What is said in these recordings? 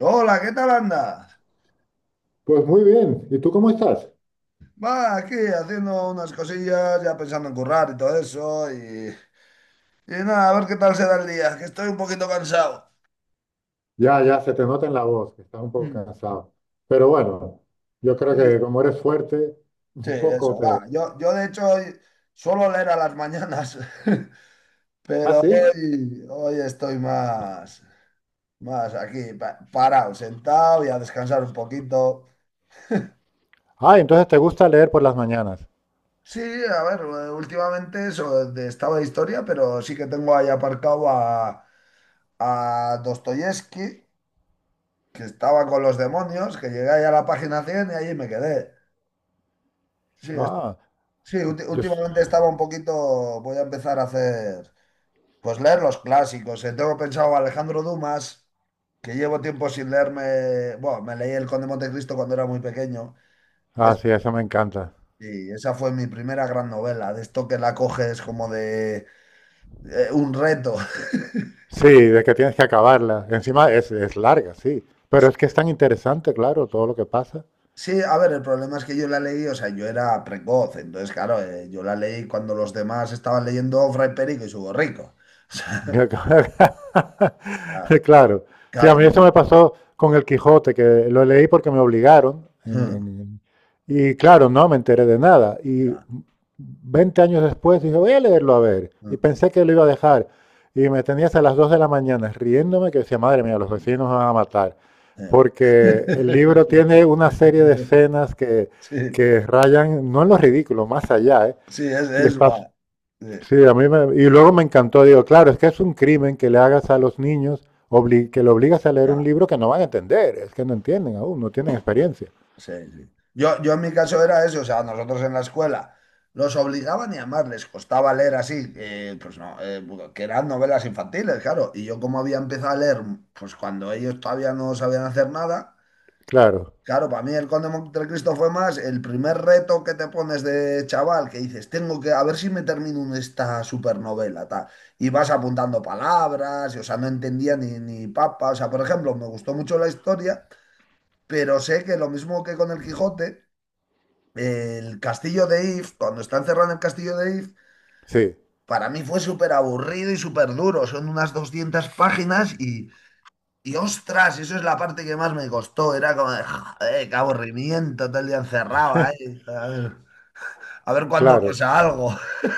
Hola, ¿qué tal andas? Pues muy bien. ¿Y tú cómo estás? Va, aquí haciendo unas cosillas, ya pensando en currar y todo eso, y nada, a ver qué tal se da el día, que estoy un poquito cansado. Ya, ya, se te nota en la voz que estás un poco Mm. cansado. Pero bueno, yo creo que Sí, como eres fuerte, sí, un poco eso, va. te... Yo de hecho hoy suelo leer a las mañanas, Ah, pero sí. hoy estoy más, más aquí, parado, sentado y a descansar un poquito. Ah, entonces te gusta leer por las mañanas. Sí, a ver, últimamente estaba de historia, pero sí que tengo ahí aparcado a Dostoyevsky, que estaba con los demonios, que llegué ahí a la página 100 y allí me quedé. Sí, Ah, sí, yo... s- últimamente estaba un poquito, voy a empezar a hacer, pues leer los clásicos. Tengo pensado Alejandro Dumas, que llevo tiempo sin leerme. Bueno, me leí El Conde de Montecristo cuando era muy pequeño, que Ah, es- sí, eso me encanta. y esa fue mi primera gran novela, de esto que la coges como de un reto. Sí, de que tienes que acabarla. Encima es larga, sí. Pero es que es tan interesante, claro, todo lo que pasa. Sí, a ver, el problema es que yo la leí, o sea, yo era precoz, entonces, claro, yo la leí cuando los demás estaban leyendo Fray Perico y su borrico. O sea, Claro. Sí, a claro, claro, mí eso me y pasó con El Quijote, que lo leí porque me obligaron. no, Y claro, no me enteré de nada. Y claro, 20 años después dije, voy a leerlo a ver. Y mm, pensé que lo iba a dejar. Y me tenías a las 2 de la mañana riéndome que decía, madre mía, los sí, vecinos me van a matar. eh. Porque el libro tiene una serie de escenas que, Sí, que rayan, no en lo ridículo, más allá, ¿eh? sí, es, Y es está guay. Sí, sí, a mí me, y luego me encantó, digo, claro, es que es un crimen que le hagas a los niños, que le obligas a leer un claro. libro que no van a entender, es que no entienden aún, no tienen Bueno, experiencia. sí, sí. Yo en mi caso era eso, o sea, nosotros en la escuela los obligaban y además les costaba leer así, pues no, que eran novelas infantiles, claro, y yo, como había empezado a leer, pues cuando ellos todavía no sabían hacer nada, Claro, claro, para mí El Conde de Montecristo fue más el primer reto que te pones de chaval, que dices, tengo que, a ver si me termino esta supernovela, tal, y vas apuntando palabras, y, o sea, no entendía ni, ni papa. O sea, por ejemplo, me gustó mucho la historia, pero sé que, lo mismo que con el Quijote, el castillo de If, cuando está encerrado en el castillo de If, sí, para mí fue súper aburrido y súper duro. Son unas 200 páginas y ostras, eso es la parte que más me costó. Era como, de, joder, qué aburrimiento, todo el día encerrado ahí. A ver cuándo claro. pasa algo.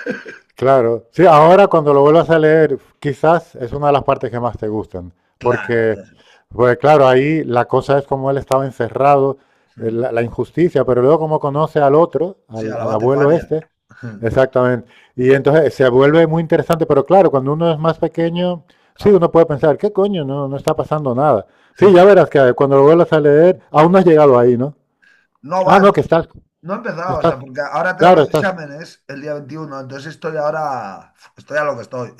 Claro, sí, ahora cuando lo vuelvas a leer, quizás es una de las partes que más te gustan, Claro. porque, pues claro, ahí la cosa es como él estaba encerrado, la injusticia, pero luego como conoce al otro, Sí, a al, la al abuelo Batefaria. este, exactamente, y entonces se vuelve muy interesante, pero claro, cuando uno es más pequeño, sí, Ah, uno puede pensar, ¿qué coño? No, no está pasando nada. Sí, ya verás que cuando lo vuelvas a leer, aún no has llegado ahí, ¿no? no va, Ah, no, que estás, no he empezado, o estás, sea, porque ahora tengo claro, los estás. exámenes el día 21, entonces estoy ahora, estoy a lo que estoy.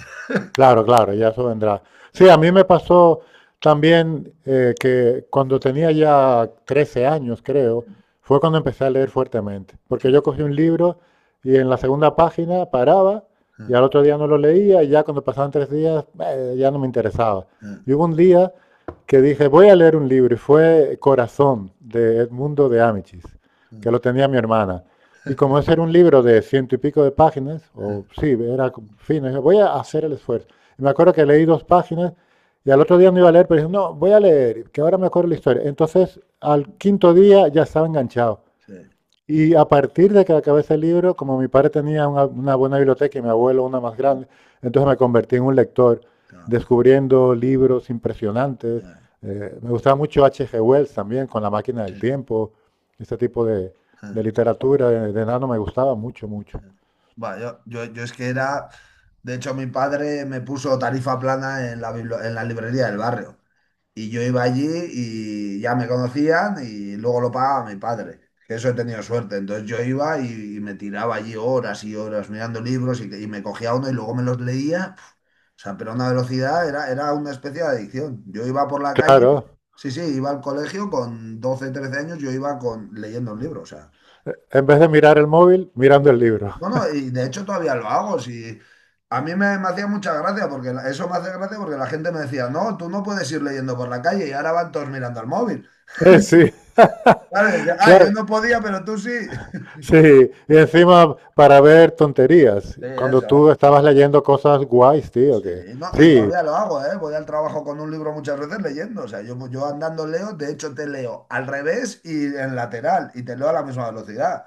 Claro, claro, ya eso vendrá. Sí, a mí me pasó también que cuando tenía ya 13 años, creo, fue cuando empecé a leer fuertemente. Porque yo cogí un libro y en la segunda página paraba y al otro día no lo leía y ya cuando pasaban 3 días ya no me interesaba. 对，嗯嗯嗯嗯嗯，sí, Y hubo un día que dije, voy a leer un libro y fue Corazón de Edmundo de Amichis, que lo tenía mi hermana. Y como ese era un libro de ciento y pico de páginas, o sí, era fino, dije, voy a hacer el esfuerzo. Me acuerdo que leí dos páginas y al otro día no iba a leer, pero dije, no, voy a leer, que ahora me acuerdo la historia. Entonces, al quinto día ya estaba enganchado. Y a partir de que acabé ese libro, como mi padre tenía una buena biblioteca y mi abuelo una más mm, grande, entonces me convertí en un lector, ah, descubriendo libros impresionantes. ah, Me gustaba mucho H. G. Wells también, con La máquina sí, del tiempo, este tipo de ah. literatura de nano me gustaba mucho, mucho. Va, yo es que era, de hecho mi padre me puso tarifa plana en en la librería del barrio. Y yo iba allí y ya me conocían y luego lo pagaba mi padre, que eso he tenido suerte. Entonces yo iba y me tiraba allí horas y horas mirando libros y me cogía uno y luego me los leía. Pf, o sea, pero a una velocidad, era, una especie de adicción. Yo iba por la calle, Claro, sí, sí, iba al colegio con 12 13 años, yo iba con, leyendo un libro. O sea, en vez de mirar el móvil, mirando el libro. bueno, y de hecho todavía lo hago. Si, a mí me hacía mucha gracia, porque eso me hace gracia porque la gente me decía, no, tú no puedes ir leyendo por la calle, y ahora van todos mirando al móvil. Sí. Claro, dice, ah, yo Claro, no podía, pero tú sí. sí, y encima para ver tonterías, Sí, cuando eso, tú ¿eh? estabas leyendo cosas guays, tío, Sí, que no, y sí. todavía lo hago, ¿eh? Voy al trabajo con un libro muchas veces leyendo. O sea, yo andando leo, de hecho te leo al revés y en lateral, y te leo a la misma velocidad.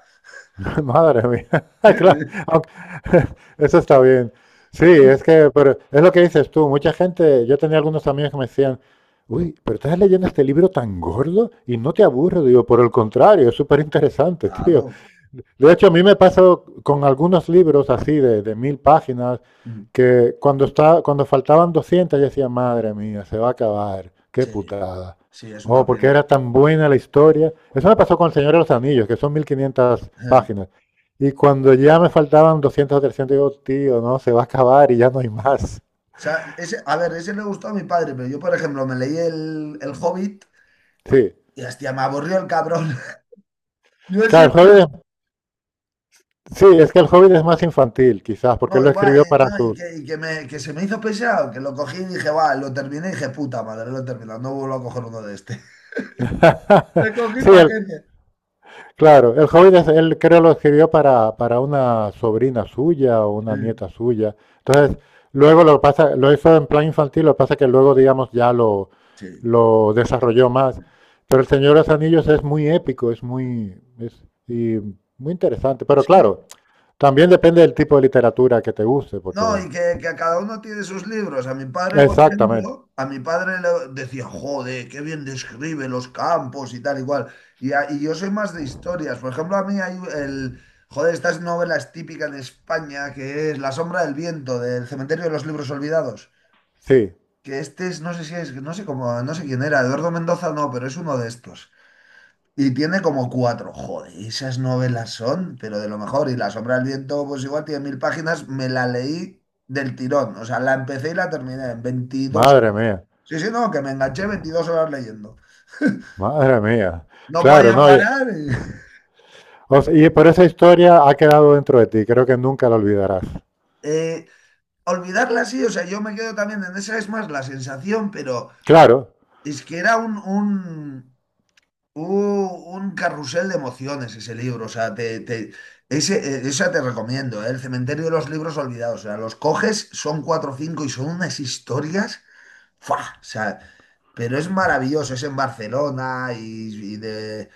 Madre mía. Claro, aunque- eso está bien. Sí, Sí, es sí. que, pero es lo que dices tú, mucha gente, yo tenía algunos amigos que me decían, uy, pero estás leyendo este libro tan gordo y no te aburre, digo, por el contrario, es súper interesante, tío. Claro. De hecho, a mí me pasa con algunos libros así de 1000 páginas, Mm, que cuando está, cuando faltaban 200 yo decía, madre mía, se va a acabar, qué sí, putada. sí, es Oh, una porque pena. era tan buena la historia. Eso me Ajá. pasó con El Señor de los Anillos, que son 1500 O páginas. Y cuando ya me faltaban 200 o 300, digo, tío, no, se va a acabar y ya no hay más. sea, ese, a ver, ese le gustó a mi padre, pero yo, por ejemplo, me leí el Hobbit, Sí. y hostia, me aburrió el cabrón. Yo sí. Claro, el Hobbit es- sí, es que el Hobbit es más infantil, quizás, porque él No, lo igual, escribió para no, su... que se me hizo pesado, que lo cogí y dije, va, lo terminé y dije, puta madre, lo he terminado, no vuelvo a coger uno de este. Te cogí sí, el- paquete. claro, el Hobbit es- él creo lo escribió para una sobrina suya o Sí, una nieta suya. no, Entonces, luego lo pasa, lo hizo en plan infantil, lo que pasa que luego, digamos, ya sí. lo desarrolló más. Pero el Señor de los Anillos es muy épico, es muy, es, y muy interesante. Pero claro, Sí. también depende del tipo de literatura que te guste, No, porque... y que a cada uno tiene sus libros. A mi padre, por Exactamente, ejemplo, a mi padre le decía, joder, qué bien describe los campos y tal y cual. Y yo soy más de historias. Por ejemplo, a mí hay el, joder, estas novelas típicas de España, que es La sombra del viento, del Cementerio de los Libros Olvidados, sí. que este es, no sé si es, no sé cómo, no sé quién era, Eduardo Mendoza no, pero es uno de estos. Y tiene como cuatro, joder, esas novelas son, pero de lo mejor. Y La sombra del viento, pues igual tiene 1000 páginas, me la leí del tirón. O sea, la empecé y la terminé en veintidós Madre horas. mía, Sí, sí, no, que me enganché 22 horas leyendo. madre mía. No Claro, podía no. Y, parar. O sea, y por esa historia ha quedado dentro de ti, creo que nunca la olvidarás. Eh, olvidarla sí, o sea, yo me quedo también en esa, es más la sensación, pero Claro. es que era un carrusel de emociones ese libro. O sea, te, ese, esa te recomiendo, ¿eh? El Cementerio de los Libros Olvidados. O sea, los coges, son cuatro o cinco y son unas historias, ¡fua! O sea, pero es maravilloso, es en Barcelona y de,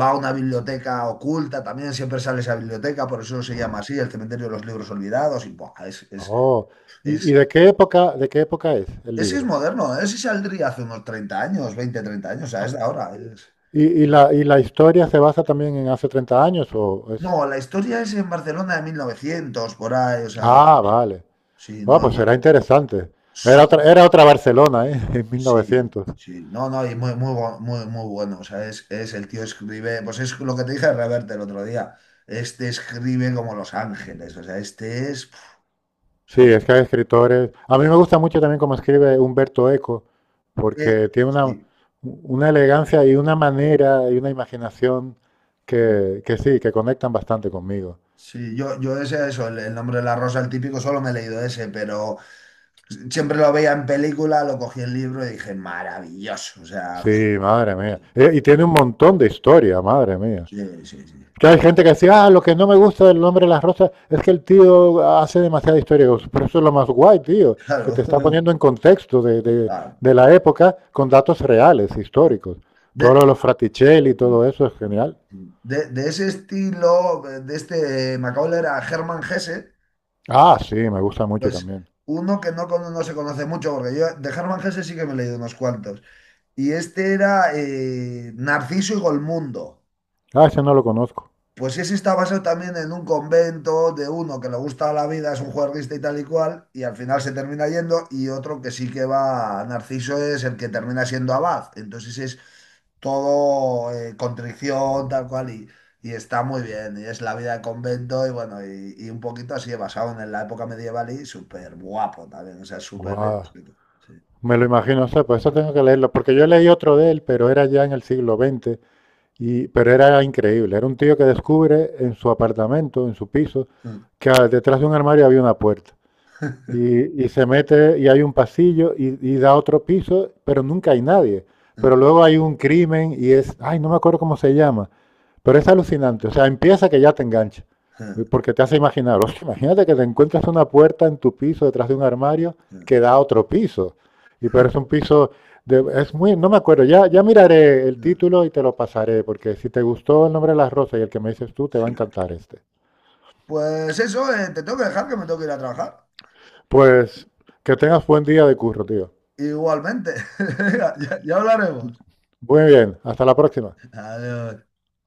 va a una biblioteca oculta, también siempre sale esa biblioteca, por eso se llama así, el Cementerio de los Libros Olvidados, y ¡buah! Es, es, Oh, y es, de qué época es el ese es libro? moderno, ¿eh? Ese saldría hace unos 30 años, 20 30 años, o sea, Ah, es de ahora. es- ¿y, y la historia se basa también en hace 30 años o es... No, la historia es en Barcelona de 1900 por ahí, o sea, sí, Ah, vale. sí, Ah, no, pues será interesante. Su- Era otra Barcelona, ¿eh? En sí, 1900. sí, no, no, y muy, muy, muy, muy bueno, o sea, es el tío escribe, pues es lo que te dije de Reverte el otro día, este escribe como Los Ángeles, o sea, este es, pf, o Sí, sea, es que hay escritores. A mí me gusta mucho también cómo escribe Humberto Eco, este, porque tiene sí, una elegancia y una manera y una imaginación sí. Que sí, que conectan bastante conmigo. Sí, yo ese, eso, el Nombre de la Rosa, el típico, solo me he leído ese, pero siempre lo veía en película, lo cogí el libro y dije, maravilloso, o sea, pf, Sí, madre mía. sí, Y tiene un montón de historia, madre mía. sí, sí, sí, Que hay gente que decía, ah, lo que no me gusta del nombre de las rosas es que el tío hace demasiada historia. Digo, pero eso es lo más guay, tío, que claro. te está poniendo en contexto Claro. de la época con datos reales, históricos. De, Todo lo de los Fraticelli y todo eso es genial. de ese estilo, de este Macaulay era Hermann Hesse, Ah, sí, me gusta mucho pues también. uno que no, no se conoce mucho, porque yo de Hermann Hesse sí que me he leído unos cuantos. Y este era Narciso y Golmundo. Ah, ese no lo conozco. Pues ese está basado también en un convento, de uno que le gusta la vida, es un juerguista y tal y cual, y al final se termina yendo, y otro que sí que va, Narciso es el que termina siendo abad. Entonces es todo contrición, tal cual, y está muy bien, y es la vida de convento, y bueno, y un poquito así basado en la época medieval, y súper guapo también, o sea, súper bien. Guau. Sí. Me lo imagino, o sea, por eso tengo que leerlo, porque yo leí otro de él, pero era ya en el siglo XX, y, pero era increíble. Era un tío que descubre en su apartamento, en su piso, que ah, detrás de un armario había una puerta. Y se mete y hay un pasillo y da otro piso, pero nunca hay nadie. Pero luego hay un crimen y es, ay, no me acuerdo cómo se llama, pero es alucinante. O sea, empieza que ya te engancha, porque te hace imaginar, "Hostia, imagínate que te encuentras una puerta en tu piso detrás de un armario que da a otro piso. Y pero es un piso de, es muy, no me acuerdo, ya, ya miraré el título y te lo pasaré, porque si te gustó el nombre de las rosas y el que me dices tú, te va Sí. a encantar este. Pues eso, te tengo que dejar, que me tengo que ir a trabajar. Pues que tengas buen día de curro, tío. Igualmente. Venga, ya ya hablaremos. Muy bien, hasta la próxima. Adiós.